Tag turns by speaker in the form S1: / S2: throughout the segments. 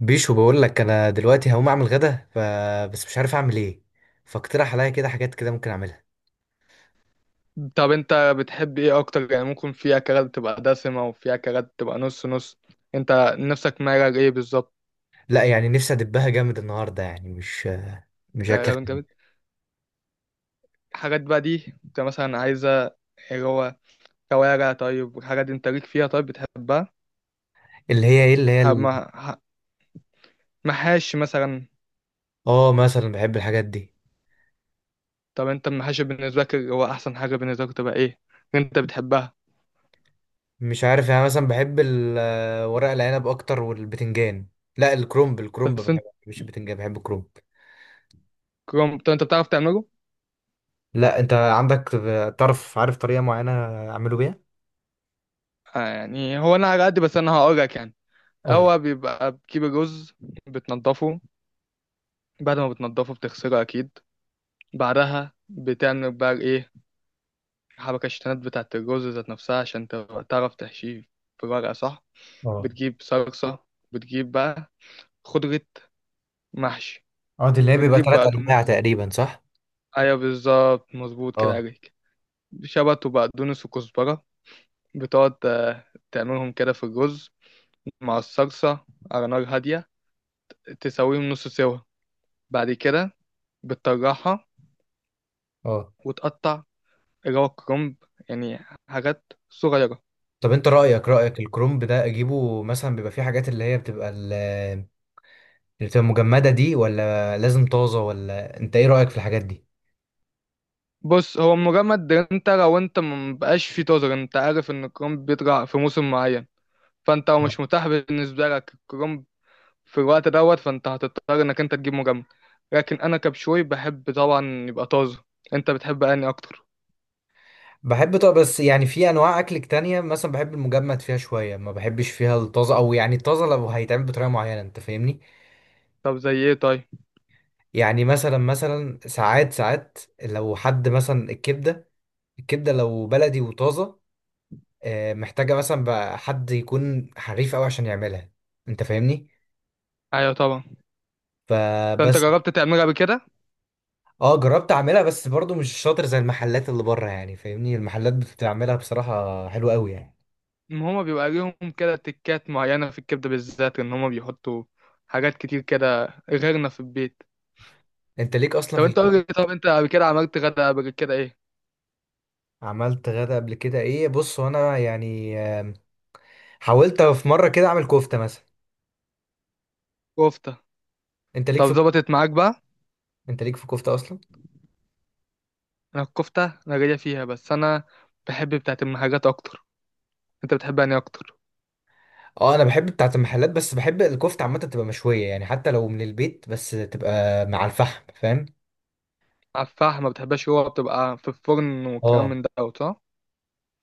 S1: بيشو بقول لك انا دلوقتي هقوم اعمل غدا بس مش عارف اعمل ايه. فاقترح عليا كده حاجات كده ممكن اعملها.
S2: طب انت بتحب ايه اكتر؟ يعني ممكن في اكلات بتبقى دسمة وفي اكلات بتبقى نص نص. انت نفسك مايل ايه بالظبط؟
S1: لا، يعني نفسي ادبها جامد النهارده، يعني مش
S2: انت
S1: اكل
S2: راجل جامد.
S1: خفيف.
S2: الحاجات بقى دي انت مثلا عايزة، اللي هو كوارع طيب، والحاجات دي انت ليك فيها؟ طيب بتحبها؟
S1: اللي هي ايه اللي هي
S2: ح-
S1: ال...
S2: مع- ح- محاشي مثلا.
S1: اه، مثلا بحب الحاجات دي.
S2: طب انت المحاشي بالنسبة لك، اللي هو احسن حاجة بالنسبة لك، تبقى ايه؟ انت بتحبها؟
S1: مش عارف، يعني مثلا بحب ورق العنب اكتر والبتنجان. لا، الكرنب، الكرنب
S2: بس انت،
S1: بحبه، مش البتنجان. بحب الكرنب.
S2: طب انت بتعرف تعمله؟
S1: لا، انت عندك تعرف عارف طريقه معينه اعمله بيها.
S2: آه، يعني هو انا على قد، بس انا هقولك يعني.
S1: قول لي.
S2: هو بيبقى بتجيب الرز، بتنضفه، بعد ما بتنضفه بتغسله اكيد، بعدها بتعمل بقى ايه؟ حبكة الشتانات بتاعة الرز ذات نفسها عشان تعرف تحشيه في الورقة، صح؟
S1: اه.
S2: بتجيب صلصة، بتجيب بقى خضرة محشي،
S1: اه، دي اللي هي بيبقى
S2: بتجيب
S1: ثلاث انواع
S2: بقدونس.
S1: تقريبا، صح.
S2: ايوه بالظبط، مظبوط كده
S1: اه.
S2: عليك. شبت وبقدونس وكزبرة، بتقعد تعملهم كده في الرز مع الصلصة، على نار هادية، تسويهم نص سوا. بعد كده بتطرحها
S1: اه
S2: وتقطع، اللي هو كرنب، يعني حاجات صغيرة.
S1: طب انت رأيك، الكرومب ده اجيبه مثلا بيبقى فيه حاجات اللي هي اللي بتبقى مجمدة دي، ولا لازم طازة؟ ولا انت ايه رأيك في الحاجات دي؟
S2: بص، هو مجمد. انت لو انت مبقاش في تزر، انت عارف ان الكرنب بيطلع في موسم معين، فانت لو مش متاح بالنسبه لك الكرنب في الوقت دوت، فانت هتضطر انك انت تجيب مجمد. لكن انا كبشوي بحب طبعا يبقى طازه. انت بتحب اني اكتر؟
S1: بحب. طب بس يعني في انواع اكل تانية مثلا بحب المجمد فيها شوية، ما بحبش فيها الطازة. او يعني الطازة لو هيتعمل بطريقة معينة، انت فاهمني.
S2: طب زي ايه طيب؟
S1: يعني مثلا مثلا ساعات ساعات لو حد مثلا الكبدة، الكبدة لو بلدي وطازة، محتاجة مثلا بقى حد يكون حريف قوي عشان يعملها. انت فاهمني.
S2: ايوه طبعا. فانت
S1: فبس.
S2: جربت تعملها بكده؟
S1: اه جربت اعملها، بس برضو مش شاطر زي المحلات اللي بره. يعني فاهمني، المحلات بتعملها بصراحة حلوة قوي يعني.
S2: ما هما بيبقى ليهم كده تكات معينه في الكبده بالذات، ان هما بيحطوا حاجات كتير كده غيرنا في البيت.
S1: انت ليك اصلا
S2: طب انت قول لي، طب انت قبل كده عملت غدا قبل كده ايه؟
S1: عملت غدا قبل كده ايه؟ بص، وانا يعني حاولت في مرة كده اعمل كفتة مثلا.
S2: كفته.
S1: انت ليك
S2: طب
S1: في
S2: ظبطت معاك بقى؟
S1: انت ليك في كفتة اصلا.
S2: انا الكفتة انا جاية فيها، بس انا بحب بتاعة المحاجات اكتر. انت بتحبها يعني اكتر؟
S1: اه انا بحب بتاعة المحلات، بس بحب الكفتة عامة تبقى مشوية، يعني حتى لو من البيت بس تبقى مع الفحم، فاهم.
S2: على الفحم ما بتحبهاش؟ هو بتبقى في الفرن والكلام
S1: اه.
S2: من دوت، صح؟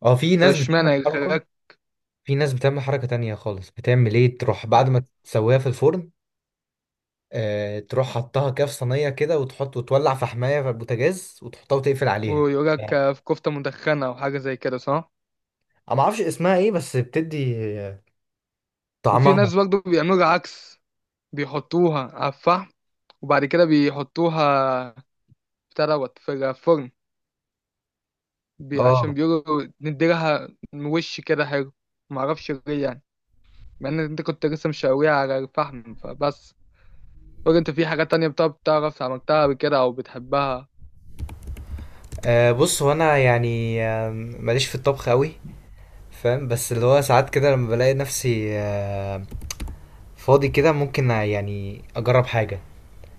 S1: اه، في
S2: طب
S1: ناس بتعمل
S2: اشمعنى
S1: حركة.
S2: يخرجك؟
S1: في ناس بتعمل حركة تانية خالص، بتعمل ايه؟ تروح بعد ما تسويها في الفرن، تروح حطها كده في صينيه كده، وتحط وتولع في حمايه في البوتاجاز وتحطها وتقفل عليها
S2: ويقولك؟
S1: يعني.
S2: في كفتة مدخنة او حاجة زي كده، صح؟
S1: انا ما اعرفش اسمها ايه، بس بتدي
S2: وفي
S1: طعمها.
S2: ناس برضه بيعملوا العكس، بيحطوها على الفحم، وبعد كده بيحطوها بتاع دوت في الفرن، بي، عشان
S1: اه.
S2: بيقولوا نديلها وش كده حلو. معرفش ليه يعني، مع ان انت كنت لسه مشاويها على الفحم فبس. قولي انت، في حاجات تانية بتعرف عملتها قبل كده او بتحبها؟
S1: بص، هو انا يعني ماليش في الطبخ قوي، فاهم. بس اللي هو ساعات كده لما بلاقي نفسي فاضي كده، ممكن يعني اجرب حاجه.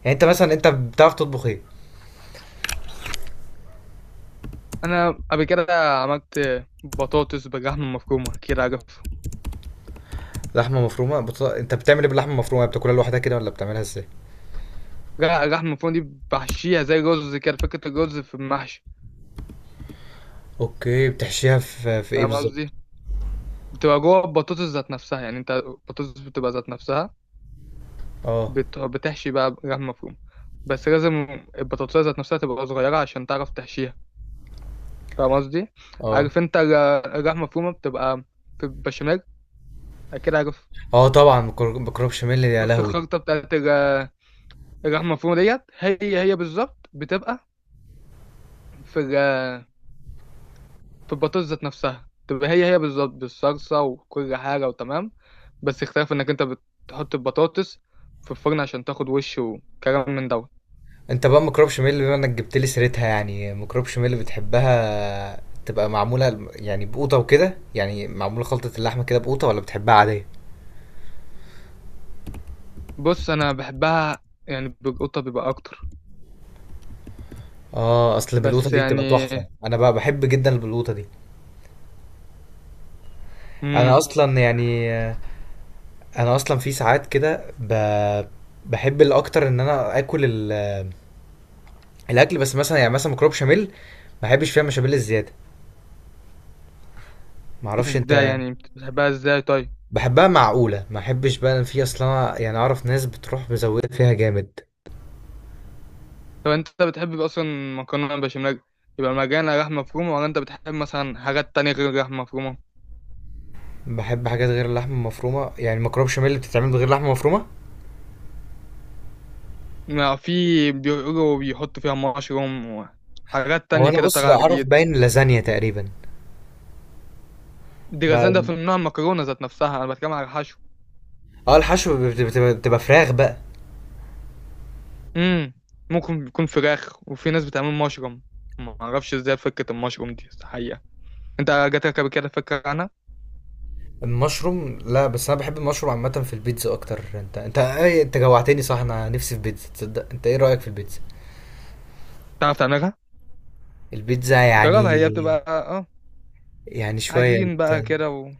S1: يعني انت مثلا، انت بتعرف تطبخ ايه؟
S2: انا قبل كده عملت بطاطس باللحمة المفرومة، كده عارف؟
S1: انت بتعمل ايه باللحمه المفرومه؟ بتاكلها لوحدها كده ولا بتعملها ازاي؟
S2: لا، اللحمة المفرومة دي بحشيها زي رز، كده فكرة الرز في المحشي.
S1: اوكي، بتحشيها في ايه
S2: فاهم قصدي؟
S1: بالظبط؟
S2: بتبقى جوه البطاطس ذات نفسها، يعني انت البطاطس بتبقى ذات نفسها،
S1: اه.
S2: بتحشي بقى لحمة مفرومة. بس لازم البطاطس ذات نفسها تبقى صغيرة عشان تعرف تحشيها. فاهم قصدي؟ عارف
S1: اه.
S2: انت اللحمة المفرومة بتبقى في البشاميل، كده عارف؟
S1: اه طبعا، ميكروب شميل، يا
S2: شفت
S1: لهوي.
S2: الخلطة بتاعت اللحمه المفرومه ديت؟ هي هي بالظبط بتبقى في ال- في البطاطس ذات نفسها، تبقى هي هي بالظبط بالصلصه وكل حاجه وتمام. بس اختلاف انك انت بتحط البطاطس في الفرن عشان تاخد وش وكلام من دوت.
S1: انت بقى ميكروب شميل بما انك جبت لي سيرتها، يعني ميكروب شميل بتحبها تبقى معموله يعني بقوطه وكده؟ يعني معموله خلطه اللحمه كده بقوطه، ولا بتحبها عاديه؟
S2: بص انا بحبها يعني بالقطه بيبقى اكتر،
S1: اه، اصل بالقوطه
S2: بس
S1: دي بتبقى
S2: يعني
S1: تحفه. انا بقى بحب جدا البلوطه دي. انا
S2: امم
S1: اصلا يعني، انا اصلا في ساعات كده بحب الاكتر ان انا اكل الاكل، بس مثلا يعني مثلا ميكروب شميل ما بحبش فيها مشابيل الزياده. معرفش
S2: ازاي
S1: انت.
S2: يعني؟ بتحبها ازاي طيب؟
S1: بحبها معقولة، ما احبش بقى إن في اصلا يعني اعرف ناس بتروح مزودة فيها جامد.
S2: طب انت بتحب اصلا مكرونه بشاميل يبقى مجانا لحمه مفرومه، ولا انت بتحب مثلا حاجات تانية غير اللحمه مفرومه؟
S1: بحب حاجات غير اللحمة المفرومة، يعني مكرونة بشاميل اللي بتتعمل بغير لحمة مفرومة.
S2: ما في، بيقولوا بيحطوا فيها مشروم وحاجات
S1: او
S2: تانية
S1: انا
S2: كده
S1: بص لا
S2: طالعة
S1: اعرف،
S2: جديد.
S1: باين لازانيا تقريبا.
S2: دي ده في
S1: بقى-
S2: نوع المكرونة ذات نفسها، أنا بتكلم على الحشو.
S1: اه الحشو بتبقى فراخ بقى.
S2: امم ممكن يكون فراخ، وفي ناس بتعمل مشروم. ما أعرفش إزاي فكرة المشروم دي الحقيقة. أنت جاتلك قبل كده فكرة عنها؟
S1: المشروم لا، بس انا بحب المشروم عامة في البيتزا اكتر. انت ايه، انت جوعتني صح. انا نفسي في بيتزا، تصدق؟ انت ايه رأيك في البيتزا؟
S2: تعرف تعملها؟
S1: البيتزا يعني؟
S2: جربها، هي بتبقى
S1: يعني شوية
S2: عجين
S1: انت.
S2: بقى كده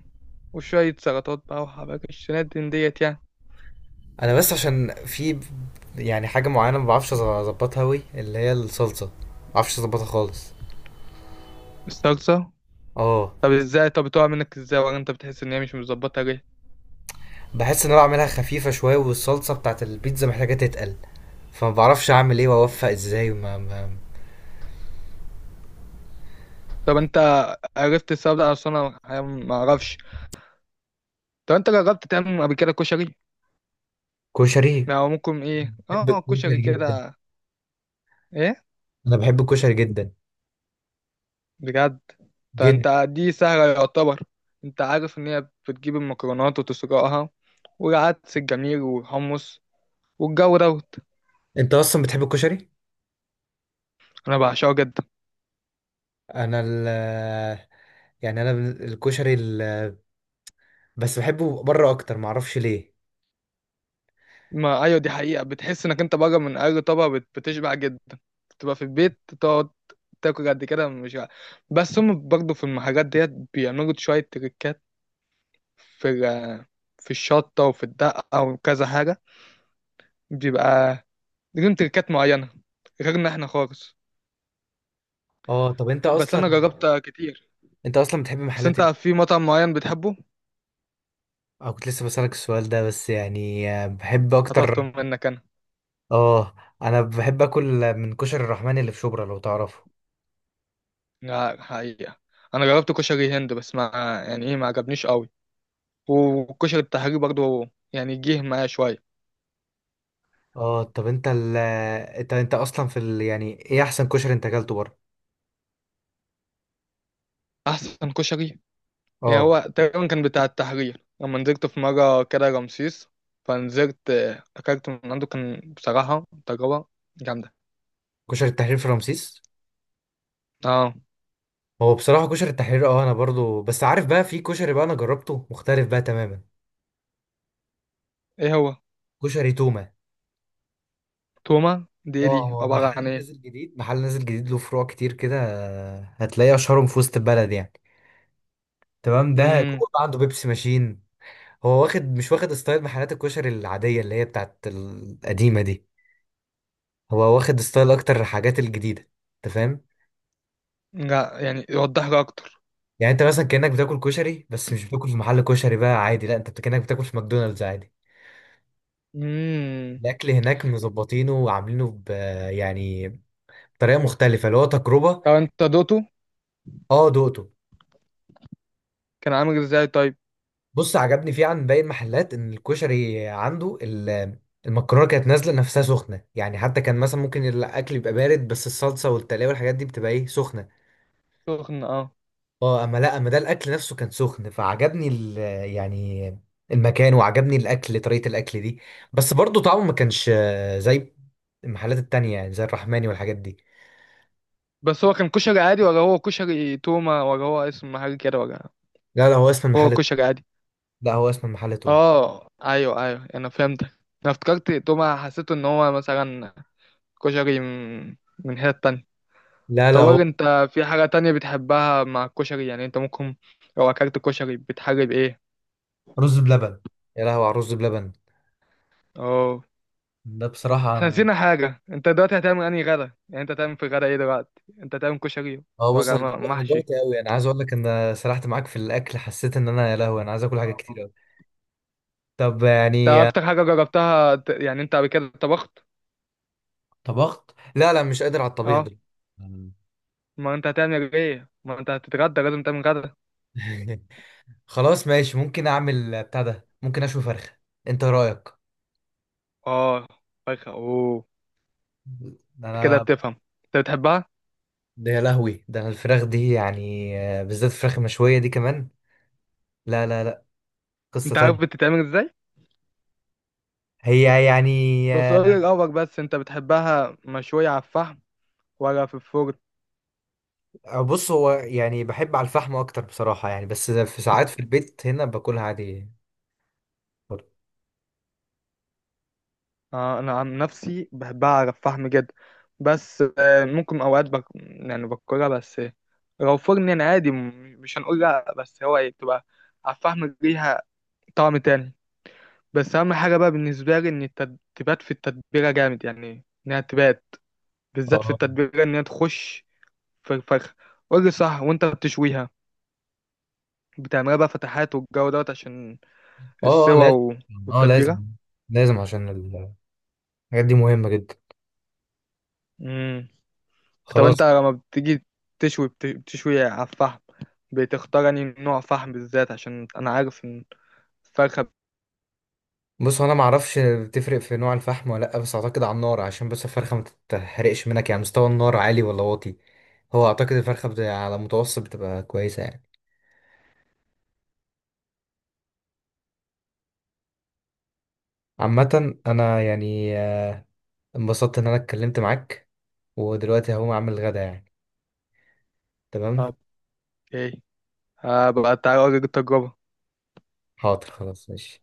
S2: وشوية سلطات بقى وحباك الشنات من ديت يعني.
S1: انا بس عشان في يعني حاجه معينه ما بعرفش اظبطها قوي، اللي هي الصلصه ما بعرفش اظبطها خالص.
S2: الصلصة؟
S1: اه.
S2: طب إزاي؟ طب بتقع منك إزاي، ولا أنت بتحس إن هي مش مظبطة ليه؟
S1: بحس ان انا بعملها خفيفه شويه، والصلصه بتاعت البيتزا محتاجه تتقل، فما بعرفش اعمل ايه واوفق ازاي ما, ما...
S2: طب أنت عرفت السبب ده اصلا؟ انا ما اعرفش. طب انت جربت تعمل قبل كده كشري،
S1: كشري.
S2: او ممكن ايه،
S1: بحب
S2: اه كشري
S1: الكشري جدا.
S2: كده؟ ايه؟
S1: انا بحب الكشري جدا.
S2: بجد؟ طب
S1: جدا.
S2: انت دي سهله يعتبر. انت عارف ان هي بتجيب المكرونات وتسلقها، والعدس الجميل والحمص والجو دوت.
S1: انت اصلا بتحب الكشري؟
S2: انا بعشقه جدا.
S1: انا ال يعني انا بس بحبه بره اكتر، ما اعرفش ليه.
S2: ما ايوه، دي حقيقه، بتحس انك انت بره من اي طبق بتشبع جدا. بتبقى في البيت تقعد تاكل قد كده مش ع- بس هم برضه في المحلات ديت بيعملوا شويه تريكات، في ال- في الشطه وفي الدقه وكذا حاجه، بيبقى ليهم تركات معينة غيرنا احنا خالص.
S1: اه طب انت
S2: بس
S1: اصلا،
S2: انا جربت كتير.
S1: انت اصلا بتحب
S2: بس
S1: محلات
S2: انت،
S1: إيه؟
S2: في مطعم معين بتحبه؟
S1: اه، كنت لسه بسألك السؤال ده. بس يعني بحب
S2: خطفته
S1: اكتر.
S2: منك انا.
S1: اه. انا بحب اكل من كشري الرحمن اللي في شبرا لو تعرفه.
S2: لا حقيقة، انا جربت كشري هند بس ما، يعني ايه، ما عجبنيش قوي. والكشري التحرير برضو يعني جه معايا شوية.
S1: اه طب انت اصلا في يعني ايه احسن كشري انت اكلته بره؟
S2: احسن كشري، يعني
S1: اه.
S2: هو تقريبا كان بتاع التحرير، لما نزلت في مرة كده رمسيس، فنزلت اكلت من عنده، كان بصراحة تجربة جامدة.
S1: كشري التحرير في رمسيس؟
S2: اه،
S1: هو بصراحة كشري التحرير اه انا برضو. بس عارف بقى في كشري بقى انا جربته مختلف بقى تماما.
S2: ايه هو؟
S1: كشري تومة.
S2: توما دي ايه؟ دي
S1: اه هو
S2: عبارة عن
S1: محل نازل جديد، له فروع كتير كده. هتلاقي اشهرهم في وسط البلد يعني. تمام، ده
S2: ايه؟
S1: جوه بقى عنده بيبسي ماشين. هو واخد، مش واخد ستايل محلات الكشري العادية اللي هي بتاعت القديمة دي. هو واخد ستايل أكتر الحاجات الجديدة. أنت فاهم؟
S2: لا يعني، يوضح لي اكتر.
S1: يعني أنت مثلا كأنك بتاكل كشري بس مش بتاكل في محل كشري بقى عادي، لا أنت كأنك بتاكل في ماكدونالدز عادي.
S2: امم
S1: الأكل هناك مظبطينه وعاملينه ب، يعني بطريقة مختلفة، اللي هو تجربة.
S2: طب انت دوته
S1: أه دقته.
S2: كان عامل ازاي طيب؟
S1: بص، عجبني فيه عن باقي المحلات إن الكشري عنده المكرونة كانت نازلة نفسها سخنة. يعني حتى كان مثلا ممكن الأكل يبقى بارد بس الصلصة والتلاوة والحاجات دي بتبقى إيه، سخنة.
S2: سخن، اه.
S1: اه اما لا، اما ده الاكل نفسه كان سخن. فعجبني ال، يعني المكان، وعجبني الاكل، طريقة الاكل دي. بس برضو طعمه ما كانش زي المحلات التانية، يعني زي الرحماني والحاجات دي.
S2: بس هو كان كشري عادي، ولا هو كشري تومة، ولا هو اسم محل كده، ولا
S1: لا لا، هو اسم
S2: هو
S1: المحل.
S2: كشري عادي؟
S1: لا هو اسم المحل توب.
S2: اه ايوه ايوه، انا فهمتك. انا افتكرت تومة، حسيت ان هو مثلا كشري من حتة تانية.
S1: لا
S2: طب
S1: لا
S2: قول
S1: هو.
S2: لي انت، في حاجة تانية بتحبها مع الكشري؟ يعني انت ممكن لو اكلت كشري بتحلي بايه؟
S1: رز بلبن. يا لهوي على الرز بلبن.
S2: اه،
S1: ده بصراحة
S2: احنا
S1: أنا.
S2: نسينا حاجة، انت دلوقتي هتعمل انهي غدا؟ يعني انت هتعمل في غدا ايه دلوقتي؟ انت هتعمل كشري
S1: اه بص،
S2: ولا
S1: أنا
S2: محشي؟
S1: جوعت أوي. أنا عايز أقول لك أنا سرحت معاك في الأكل. حسيت إن أنا يا لهوي أنا عايز آكل حاجات
S2: آه.
S1: كتير أوي. طب
S2: انت
S1: يعني
S2: اكتر حاجة جربتها يعني انت قبل كده طبخت؟
S1: طبخت؟ لا لا، مش قادر على الطبيخ
S2: اه،
S1: ده.
S2: ما انت هتعمل ايه؟ ما انت هتتغدى، لازم تعمل غدا.
S1: مم. خلاص ماشي، ممكن اعمل بتاع ده، ممكن اشوي فرخه. انت رايك؟
S2: اه، فرخة اوه.
S1: ده
S2: انت كده
S1: انا،
S2: بتفهم. انت بتحبها؟
S1: ده يا لهوي، ده انا الفراخ دي يعني بالذات الفراخ المشويه دي كمان. لا لا لا، قصه
S2: انت عارف
S1: تانية.
S2: بتتعمل ازاي؟
S1: هي يعني
S2: بس قولي الاول، بس انت بتحبها مشوية على الفحم ولا في الفرن؟
S1: بص هو يعني بحب على الفحم اكتر بصراحه يعني. بس في ساعات في البيت هنا باكلها عادي برضه.
S2: انا عن نفسي بحبها على الفحم جدا، بس ممكن اوقات يعني باكلها، بس لو فرن يعني عادي، مش هنقول لا، بس هو ايه، بتبقى على الفحم ليها طعم تاني. بس اهم حاجه بقى بالنسبه لي ان تبات في التتبيله جامد، يعني انها تبات بالذات في
S1: اه.
S2: التتبيله، انها تخش في الفرخه، قول لي صح. وانت بتشويها بتعملها بقى فتحات والجو دوت عشان
S1: اه
S2: السوا
S1: لازم. اه لازم.
S2: والتتبيله.
S1: لازم عشان الحاجات دي مهمه جدا.
S2: طب انت
S1: خلاص.
S2: لما بتيجي تشوي، بتشوي على الفحم، بتختار انهي نوع فحم بالذات؟ عشان انا عارف ان الفرخة
S1: بص، هو انا ما اعرفش بتفرق في نوع الفحم ولا لا. بس اعتقد على النار عشان بس الفرخه ما تتحرقش منك. يعني مستوى النار عالي ولا واطي؟ هو اعتقد الفرخه على متوسط بتبقى كويسه يعني. عامه انا يعني انبسطت ان انا اتكلمت معاك. ودلوقتي هقوم اعمل الغدا يعني. تمام.
S2: بت- ايه، هبقى تعالى اوريك التجربة.
S1: حاضر، خلاص ماشي.